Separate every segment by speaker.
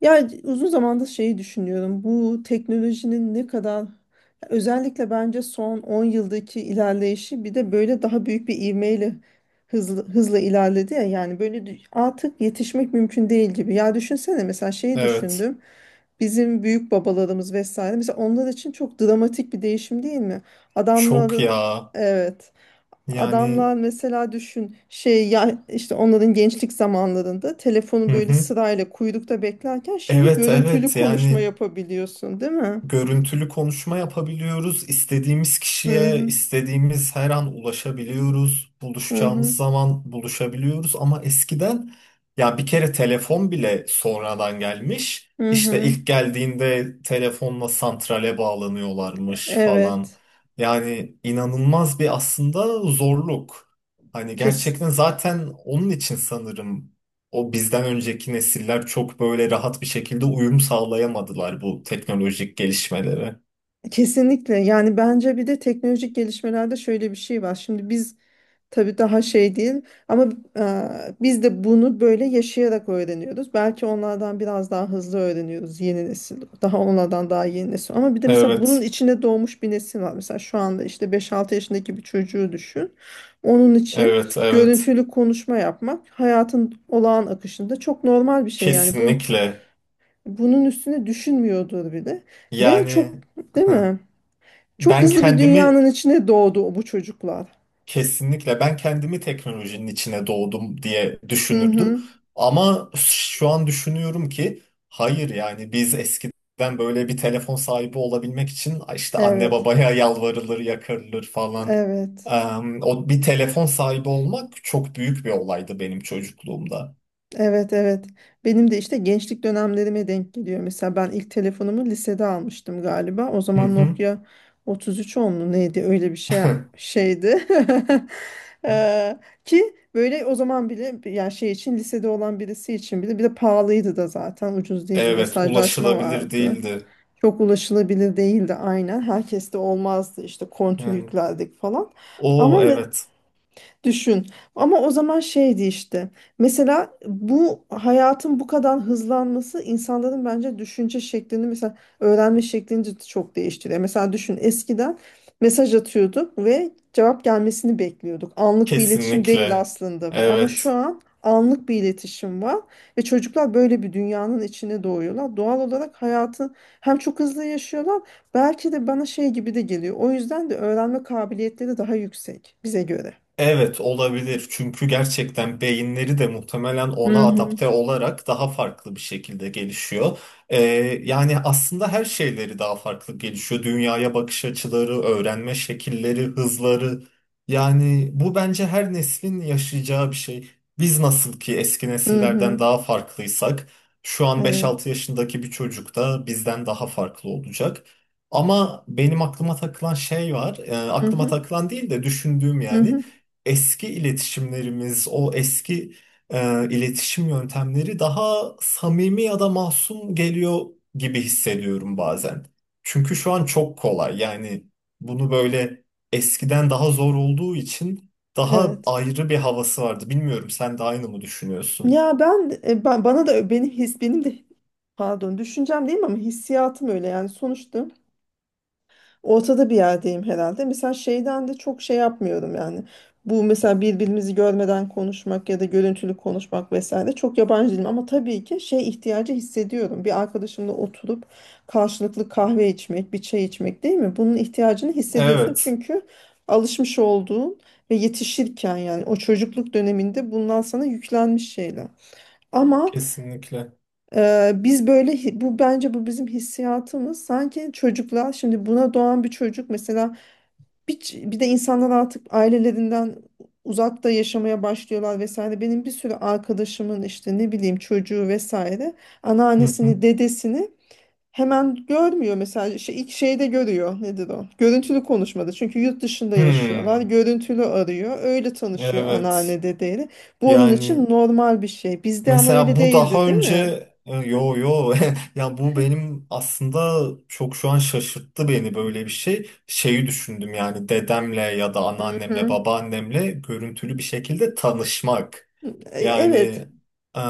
Speaker 1: Ya uzun zamandır şeyi düşünüyorum. Bu teknolojinin ne kadar özellikle bence son 10 yıldaki ilerleyişi bir de böyle daha büyük bir ivmeyle hızla ilerledi ya yani artık yetişmek mümkün değil gibi. Ya düşünsene mesela şeyi
Speaker 2: Evet.
Speaker 1: düşündüm. Bizim büyük babalarımız vesaire mesela onlar için çok dramatik bir değişim değil mi?
Speaker 2: Çok
Speaker 1: Adamların
Speaker 2: ya.
Speaker 1: evet,
Speaker 2: Yani,
Speaker 1: adamlar mesela düşün şey ya işte onların gençlik zamanlarında telefonu
Speaker 2: hı
Speaker 1: böyle
Speaker 2: hı.
Speaker 1: sırayla kuyrukta beklerken şimdi
Speaker 2: Evet,
Speaker 1: görüntülü
Speaker 2: evet,
Speaker 1: konuşma
Speaker 2: yani
Speaker 1: yapabiliyorsun, değil mi?
Speaker 2: görüntülü konuşma yapabiliyoruz. İstediğimiz
Speaker 1: Hı
Speaker 2: kişiye
Speaker 1: hı.
Speaker 2: istediğimiz her an ulaşabiliyoruz.
Speaker 1: Hı hı.
Speaker 2: Buluşacağımız zaman buluşabiliyoruz ama eskiden ya bir kere telefon bile sonradan gelmiş.
Speaker 1: Hı
Speaker 2: İşte
Speaker 1: hı.
Speaker 2: ilk geldiğinde telefonla santrale bağlanıyorlarmış falan.
Speaker 1: Evet.
Speaker 2: Yani inanılmaz bir aslında zorluk. Hani
Speaker 1: Kes,
Speaker 2: gerçekten zaten onun için sanırım o bizden önceki nesiller çok böyle rahat bir şekilde uyum sağlayamadılar bu teknolojik gelişmelere.
Speaker 1: Kesinlikle. Yani bence bir de teknolojik gelişmelerde şöyle bir şey var. Şimdi biz tabii daha şey değil ama e, biz de bunu böyle yaşayarak öğreniyoruz. Belki onlardan biraz daha hızlı öğreniyoruz yeni nesil. Daha onlardan daha yeni nesil. Ama bir de mesela bunun
Speaker 2: Evet,
Speaker 1: içine doğmuş bir nesil var. Mesela şu anda işte beş-altı yaşındaki bir çocuğu düşün. Onun için
Speaker 2: evet, evet.
Speaker 1: görüntülü konuşma yapmak hayatın olağan akışında çok normal bir şey.
Speaker 2: Kesinlikle.
Speaker 1: Bunun üstüne düşünmüyordur bile. Ve çok
Speaker 2: Yani,
Speaker 1: değil
Speaker 2: hı.
Speaker 1: mi? Çok
Speaker 2: ben
Speaker 1: hızlı bir
Speaker 2: kendimi
Speaker 1: dünyanın içine doğdu bu çocuklar.
Speaker 2: Kesinlikle ben kendimi teknolojinin içine doğdum diye
Speaker 1: Hı
Speaker 2: düşünürdüm.
Speaker 1: hı,
Speaker 2: Ama şu an düşünüyorum ki hayır, yani biz eskiden böyle bir telefon sahibi olabilmek için işte anne
Speaker 1: evet.
Speaker 2: babaya yalvarılır, yakarılır falan.
Speaker 1: Evet.
Speaker 2: Eee, O bir telefon sahibi olmak çok büyük bir olaydı benim çocukluğumda.
Speaker 1: Evet, evet. Benim de işte gençlik dönemlerime denk geliyor. Mesela ben ilk telefonumu lisede almıştım galiba. O
Speaker 2: Hı
Speaker 1: zaman
Speaker 2: hı.
Speaker 1: Nokia 33 10 mu neydi? Öyle bir şey şeydi. Eee, ki böyle o zaman bile yani şey için lisede olan birisi için bile bir de pahalıydı da zaten ucuz değildi.
Speaker 2: Evet,
Speaker 1: Mesajlaşma
Speaker 2: ulaşılabilir
Speaker 1: vardı.
Speaker 2: değildi.
Speaker 1: Çok ulaşılabilir değildi aynen. Herkeste olmazdı işte kontür
Speaker 2: Yani,
Speaker 1: yüklerdik falan. Ama
Speaker 2: o
Speaker 1: me-
Speaker 2: evet,
Speaker 1: Düşün. Ama o zaman şeydi işte. Mesela bu hayatın bu kadar hızlanması insanların bence düşünce şeklini mesela öğrenme şeklini de çok değiştiriyor. Mesela düşün eskiden mesaj atıyorduk ve cevap gelmesini bekliyorduk. Anlık bir iletişim değil
Speaker 2: kesinlikle.
Speaker 1: aslında bu. Ama şu
Speaker 2: Evet.
Speaker 1: an anlık bir iletişim var ve çocuklar böyle bir dünyanın içine doğuyorlar. Doğal olarak hayatı hem çok hızlı yaşıyorlar, belki de bana şey gibi de geliyor. O yüzden de öğrenme kabiliyetleri daha yüksek bize göre.
Speaker 2: Evet, olabilir çünkü gerçekten beyinleri de muhtemelen ona
Speaker 1: Hı hı.
Speaker 2: adapte olarak daha farklı bir şekilde gelişiyor. Ee, Yani aslında her şeyleri daha farklı gelişiyor. Dünyaya bakış açıları, öğrenme şekilleri, hızları. Yani bu bence her neslin yaşayacağı bir şey. Biz nasıl ki eski
Speaker 1: Hı hı.
Speaker 2: nesillerden daha farklıysak, şu an beş
Speaker 1: Evet.
Speaker 2: altı yaşındaki bir çocuk da bizden daha farklı olacak. Ama benim aklıma takılan şey var.
Speaker 1: Hı
Speaker 2: Aklıma
Speaker 1: hı.
Speaker 2: takılan değil de düşündüğüm,
Speaker 1: Hı
Speaker 2: yani
Speaker 1: hı.
Speaker 2: eski iletişimlerimiz, o eski, iletişim yöntemleri daha samimi ya da masum geliyor gibi hissediyorum bazen. Çünkü şu an çok kolay. Yani bunu böyle eskiden daha zor olduğu için daha
Speaker 1: Evet.
Speaker 2: ayrı bir havası vardı. Bilmiyorum, sen de aynı mı düşünüyorsun?
Speaker 1: Ya ben bana da benim his benim de pardon düşüncem değil ama hissiyatım öyle yani sonuçta ortada bir yerdeyim herhalde. Mesela şeyden de çok şey yapmıyorum yani. Bu mesela birbirimizi görmeden konuşmak ya da görüntülü konuşmak vesaire çok yabancı değilim. Ama tabii ki şey ihtiyacı hissediyorum. Bir arkadaşımla oturup karşılıklı kahve içmek, bir çay içmek değil mi? Bunun ihtiyacını hissediyorsun
Speaker 2: Evet,
Speaker 1: çünkü alışmış olduğun ve yetişirken yani o çocukluk döneminde bundan sana yüklenmiş şeyler. Ama
Speaker 2: kesinlikle.
Speaker 1: bu bence bu bizim hissiyatımız sanki çocuklar şimdi buna doğan bir çocuk mesela bir de insanlar artık ailelerinden uzakta yaşamaya başlıyorlar vesaire. Benim bir sürü arkadaşımın işte ne bileyim çocuğu vesaire
Speaker 2: Hı
Speaker 1: anneannesini,
Speaker 2: hı.
Speaker 1: dedesini hemen görmüyor mesela şey, ilk şeyde görüyor nedir o? Görüntülü konuşmada çünkü yurt dışında yaşıyorlar
Speaker 2: Hmm,
Speaker 1: görüntülü arıyor öyle tanışıyor
Speaker 2: evet.
Speaker 1: anneanne dedeyle. Bu onun için
Speaker 2: Yani
Speaker 1: normal bir şey bizde ama
Speaker 2: mesela
Speaker 1: öyle
Speaker 2: bu
Speaker 1: değildi
Speaker 2: daha
Speaker 1: değil
Speaker 2: önce,
Speaker 1: mi?
Speaker 2: yo yo, ya bu benim aslında çok şu an şaşırttı beni,
Speaker 1: Hı.
Speaker 2: böyle bir şey. Şeyi düşündüm yani, dedemle ya da anneannemle
Speaker 1: Hı.
Speaker 2: babaannemle görüntülü bir şekilde tanışmak.
Speaker 1: E, evet.
Speaker 2: Yani, e,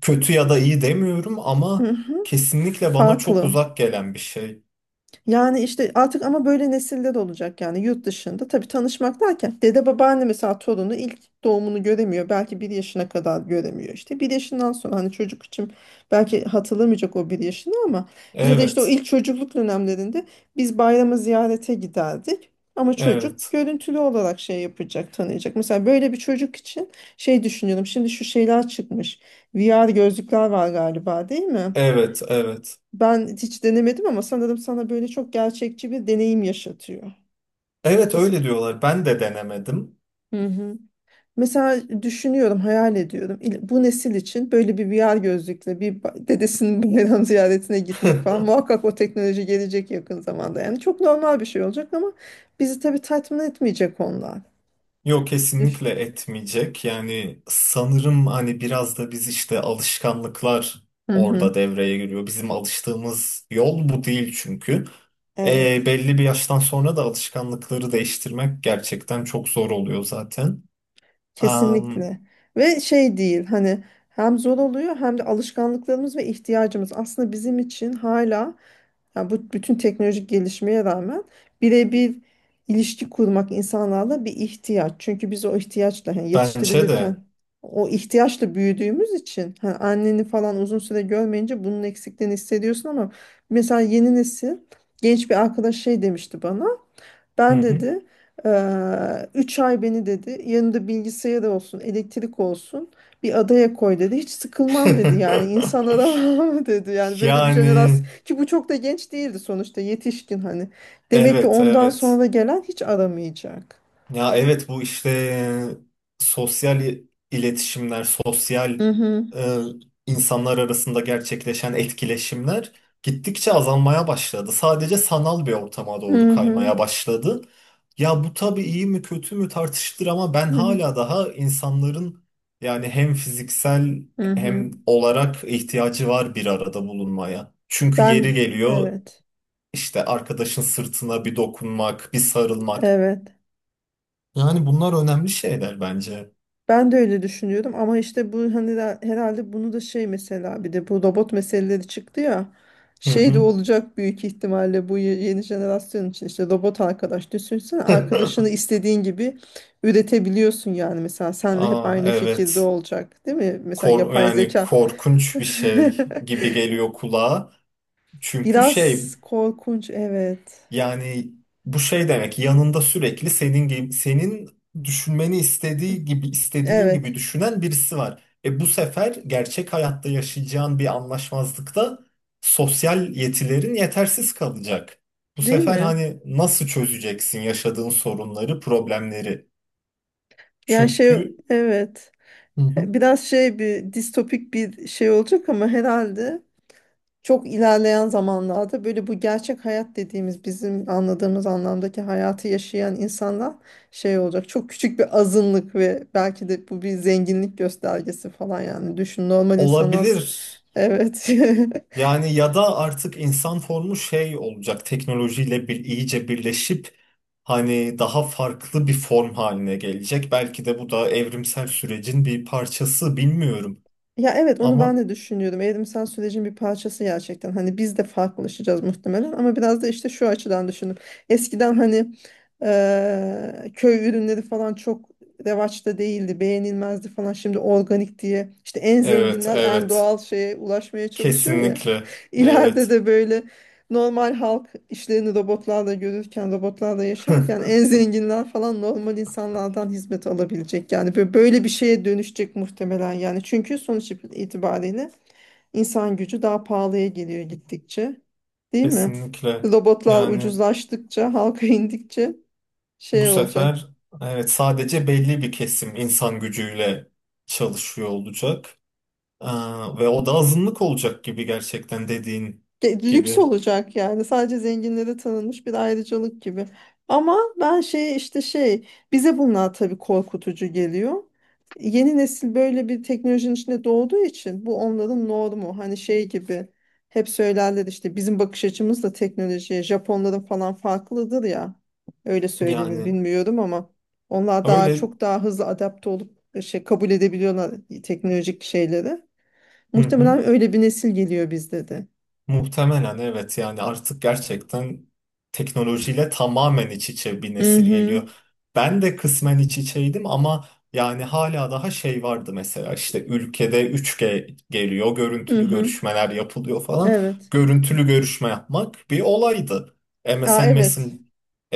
Speaker 2: kötü ya da iyi demiyorum
Speaker 1: Hı
Speaker 2: ama
Speaker 1: hı.
Speaker 2: kesinlikle bana çok
Speaker 1: Farklı.
Speaker 2: uzak gelen bir şey.
Speaker 1: Yani işte artık ama böyle nesiller olacak yani yurt dışında. Tabii tanışmak derken dede babaanne mesela torunu ilk doğumunu göremiyor. Belki bir yaşına kadar göremiyor. İşte bir yaşından sonra hani çocuk için belki hatırlamayacak o bir yaşını ama ya da işte o
Speaker 2: Evet,
Speaker 1: ilk çocukluk dönemlerinde biz bayramı ziyarete giderdik. Ama çocuk
Speaker 2: evet,
Speaker 1: görüntülü olarak şey yapacak, tanıyacak. Mesela böyle bir çocuk için şey düşünüyorum. Şimdi şu şeyler çıkmış. VR gözlükler var galiba değil mi?
Speaker 2: evet, evet.
Speaker 1: Ben hiç denemedim ama sanırım sana böyle çok gerçekçi bir deneyim yaşatıyor.
Speaker 2: Evet,
Speaker 1: Mesela,
Speaker 2: öyle diyorlar. Ben de denemedim.
Speaker 1: hı hı, mesela düşünüyorum, hayal ediyorum. Bu nesil için böyle bir VR gözlükle dedesinin bayram ziyaretine gitmek falan muhakkak o teknoloji gelecek yakın zamanda. Yani çok normal bir şey olacak ama bizi tabii tatmin etmeyecek onlar.
Speaker 2: Yok,
Speaker 1: Düş.
Speaker 2: kesinlikle etmeyecek. Yani sanırım hani biraz da biz işte alışkanlıklar
Speaker 1: Hı hı.
Speaker 2: orada devreye giriyor. Bizim alıştığımız yol bu değil çünkü. E,
Speaker 1: Evet,
Speaker 2: belli bir yaştan sonra da alışkanlıkları değiştirmek gerçekten çok zor oluyor zaten. Am,
Speaker 1: kesinlikle. Ve şey değil hani hem zor oluyor hem de alışkanlıklarımız ve ihtiyacımız aslında bizim için hala, yani bu bütün teknolojik gelişmeye rağmen birebir ilişki kurmak insanlarla bir ihtiyaç. Çünkü biz o ihtiyaçla hani
Speaker 2: Bence
Speaker 1: yetiştirilirken
Speaker 2: de.
Speaker 1: o ihtiyaçla büyüdüğümüz için hani anneni falan uzun süre görmeyince bunun eksikliğini hissediyorsun ama mesela yeni nesil genç bir arkadaş şey demişti bana.
Speaker 2: Hı
Speaker 1: Ben
Speaker 2: hı.
Speaker 1: dedi 3 ay beni dedi yanında bilgisayar olsun elektrik olsun bir adaya koy dedi hiç sıkılmam dedi yani insan aramam dedi yani böyle bir jenerasyon
Speaker 2: Yani
Speaker 1: ki bu çok da genç değildi sonuçta yetişkin hani demek ki
Speaker 2: evet,
Speaker 1: ondan
Speaker 2: evet.
Speaker 1: sonra gelen hiç aramayacak.
Speaker 2: Ya evet, bu işte, sosyal iletişimler, sosyal,
Speaker 1: Hı hı,
Speaker 2: e, insanlar arasında gerçekleşen etkileşimler gittikçe azalmaya başladı. Sadece sanal bir ortama doğru
Speaker 1: hı hı,
Speaker 2: kaymaya başladı. Ya bu tabii iyi mi kötü mü tartışılır ama ben
Speaker 1: hı hı.
Speaker 2: hala daha insanların, yani hem fiziksel
Speaker 1: Hı hı.
Speaker 2: hem olarak ihtiyacı var bir arada bulunmaya. Çünkü
Speaker 1: Ben
Speaker 2: yeri geliyor
Speaker 1: evet,
Speaker 2: işte arkadaşın sırtına bir dokunmak, bir sarılmak.
Speaker 1: evet.
Speaker 2: Yani bunlar önemli şeyler bence.
Speaker 1: Ben de öyle düşünüyordum ama işte bu hani herhalde bunu da şey mesela bir de bu robot meseleleri çıktı ya
Speaker 2: Hı
Speaker 1: şey de
Speaker 2: hı.
Speaker 1: olacak büyük ihtimalle bu yeni jenerasyon için işte robot arkadaş düşünsene arkadaşını istediğin gibi üretebiliyorsun yani mesela senle hep
Speaker 2: Ah,
Speaker 1: aynı fikirde
Speaker 2: evet.
Speaker 1: olacak değil mi? Mesela yapay
Speaker 2: Yani
Speaker 1: zeka
Speaker 2: korkunç bir şey gibi geliyor kulağa. Çünkü şey,
Speaker 1: biraz korkunç evet,
Speaker 2: yani bu şey demek, yanında sürekli senin gibi, senin düşünmeni istediğin gibi
Speaker 1: evet
Speaker 2: düşünen birisi var. E bu sefer gerçek hayatta yaşayacağın bir anlaşmazlıkta sosyal yetilerin yetersiz kalacak. Bu
Speaker 1: değil
Speaker 2: sefer
Speaker 1: mi?
Speaker 2: hani nasıl çözeceksin yaşadığın sorunları, problemleri?
Speaker 1: Ya şey
Speaker 2: Çünkü.
Speaker 1: evet
Speaker 2: Hı hı.
Speaker 1: biraz şey bir distopik bir şey olacak ama herhalde çok ilerleyen zamanlarda böyle bu gerçek hayat dediğimiz bizim anladığımız anlamdaki hayatı yaşayan insanlar şey olacak. Çok küçük bir azınlık ve belki de bu bir zenginlik göstergesi falan yani. Düşün normal insanlar
Speaker 2: Olabilir.
Speaker 1: evet
Speaker 2: Yani ya da artık insan formu şey olacak. Teknolojiyle bir iyice birleşip hani daha farklı bir form haline gelecek. Belki de bu da evrimsel sürecin bir parçası, bilmiyorum.
Speaker 1: ya evet onu ben
Speaker 2: Ama
Speaker 1: de düşünüyordum. Evrimsel sürecin bir parçası gerçekten. Hani biz de farklılaşacağız muhtemelen ama biraz da işte şu açıdan düşündüm. Eskiden hani köy ürünleri falan çok revaçta değildi, beğenilmezdi falan. Şimdi organik diye işte en
Speaker 2: evet,
Speaker 1: zenginler en
Speaker 2: evet,
Speaker 1: doğal şeye ulaşmaya çalışıyor ya.
Speaker 2: kesinlikle
Speaker 1: İleride
Speaker 2: evet.
Speaker 1: de böyle normal halk işlerini robotlarla görürken, robotlarla yaşarken en zenginler falan normal insanlardan hizmet alabilecek. Yani böyle bir şeye dönüşecek muhtemelen yani. Çünkü sonuç itibariyle insan gücü daha pahalıya geliyor gittikçe. Değil mi?
Speaker 2: Kesinlikle.
Speaker 1: Robotlar
Speaker 2: Yani
Speaker 1: ucuzlaştıkça, halka indikçe
Speaker 2: bu
Speaker 1: şey olacak.
Speaker 2: sefer evet, sadece belli bir kesim insan gücüyle çalışıyor olacak. Aa, ve o da azınlık olacak gibi, gerçekten dediğin
Speaker 1: Lüks
Speaker 2: gibi.
Speaker 1: olacak yani sadece zenginlere tanınmış bir ayrıcalık gibi. Ama ben şey işte şey bize bunlar tabii korkutucu geliyor. Yeni nesil böyle bir teknolojinin içinde doğduğu için bu onların normu. Hani şey gibi hep söylerler işte bizim bakış açımız da teknolojiye Japonların falan farklıdır ya. Öyle söylenir
Speaker 2: Yani
Speaker 1: bilmiyorum ama onlar daha
Speaker 2: öyle.
Speaker 1: çok daha hızlı adapte olup şey kabul edebiliyorlar teknolojik şeyleri.
Speaker 2: Hı hı.
Speaker 1: Muhtemelen öyle bir nesil geliyor bizde de.
Speaker 2: Muhtemelen evet, yani artık gerçekten teknolojiyle tamamen iç içe bir
Speaker 1: Hı
Speaker 2: nesil
Speaker 1: hı.
Speaker 2: geliyor. Ben de kısmen iç içeydim ama yani hala daha şey vardı, mesela işte ülkede 3G geliyor,
Speaker 1: Hı
Speaker 2: görüntülü
Speaker 1: hı.
Speaker 2: görüşmeler yapılıyor falan.
Speaker 1: Evet.
Speaker 2: Görüntülü görüşme yapmak bir olaydı.
Speaker 1: Aa
Speaker 2: MSN Messen-
Speaker 1: evet.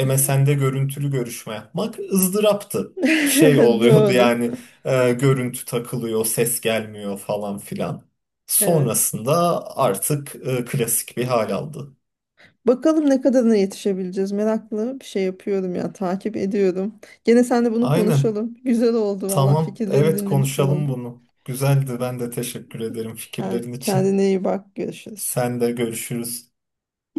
Speaker 2: MSN'de görüntülü görüşme yapmak ızdıraptı. Şey oluyordu
Speaker 1: Doğru.
Speaker 2: yani, görüntü takılıyor, ses gelmiyor falan filan.
Speaker 1: Evet.
Speaker 2: Sonrasında artık, klasik bir hal aldı.
Speaker 1: Bakalım ne kadarına yetişebileceğiz. Meraklı bir şey yapıyorum ya. Takip ediyorum. Gene seninle bunu
Speaker 2: Aynen.
Speaker 1: konuşalım. Güzel oldu valla.
Speaker 2: Tamam.
Speaker 1: Fikirlerini
Speaker 2: Evet,
Speaker 1: dinlemiş
Speaker 2: konuşalım
Speaker 1: oldum.
Speaker 2: bunu. Güzeldi. Ben de teşekkür ederim fikirlerin için.
Speaker 1: Kendine iyi bak. Görüşürüz.
Speaker 2: Sen de, görüşürüz.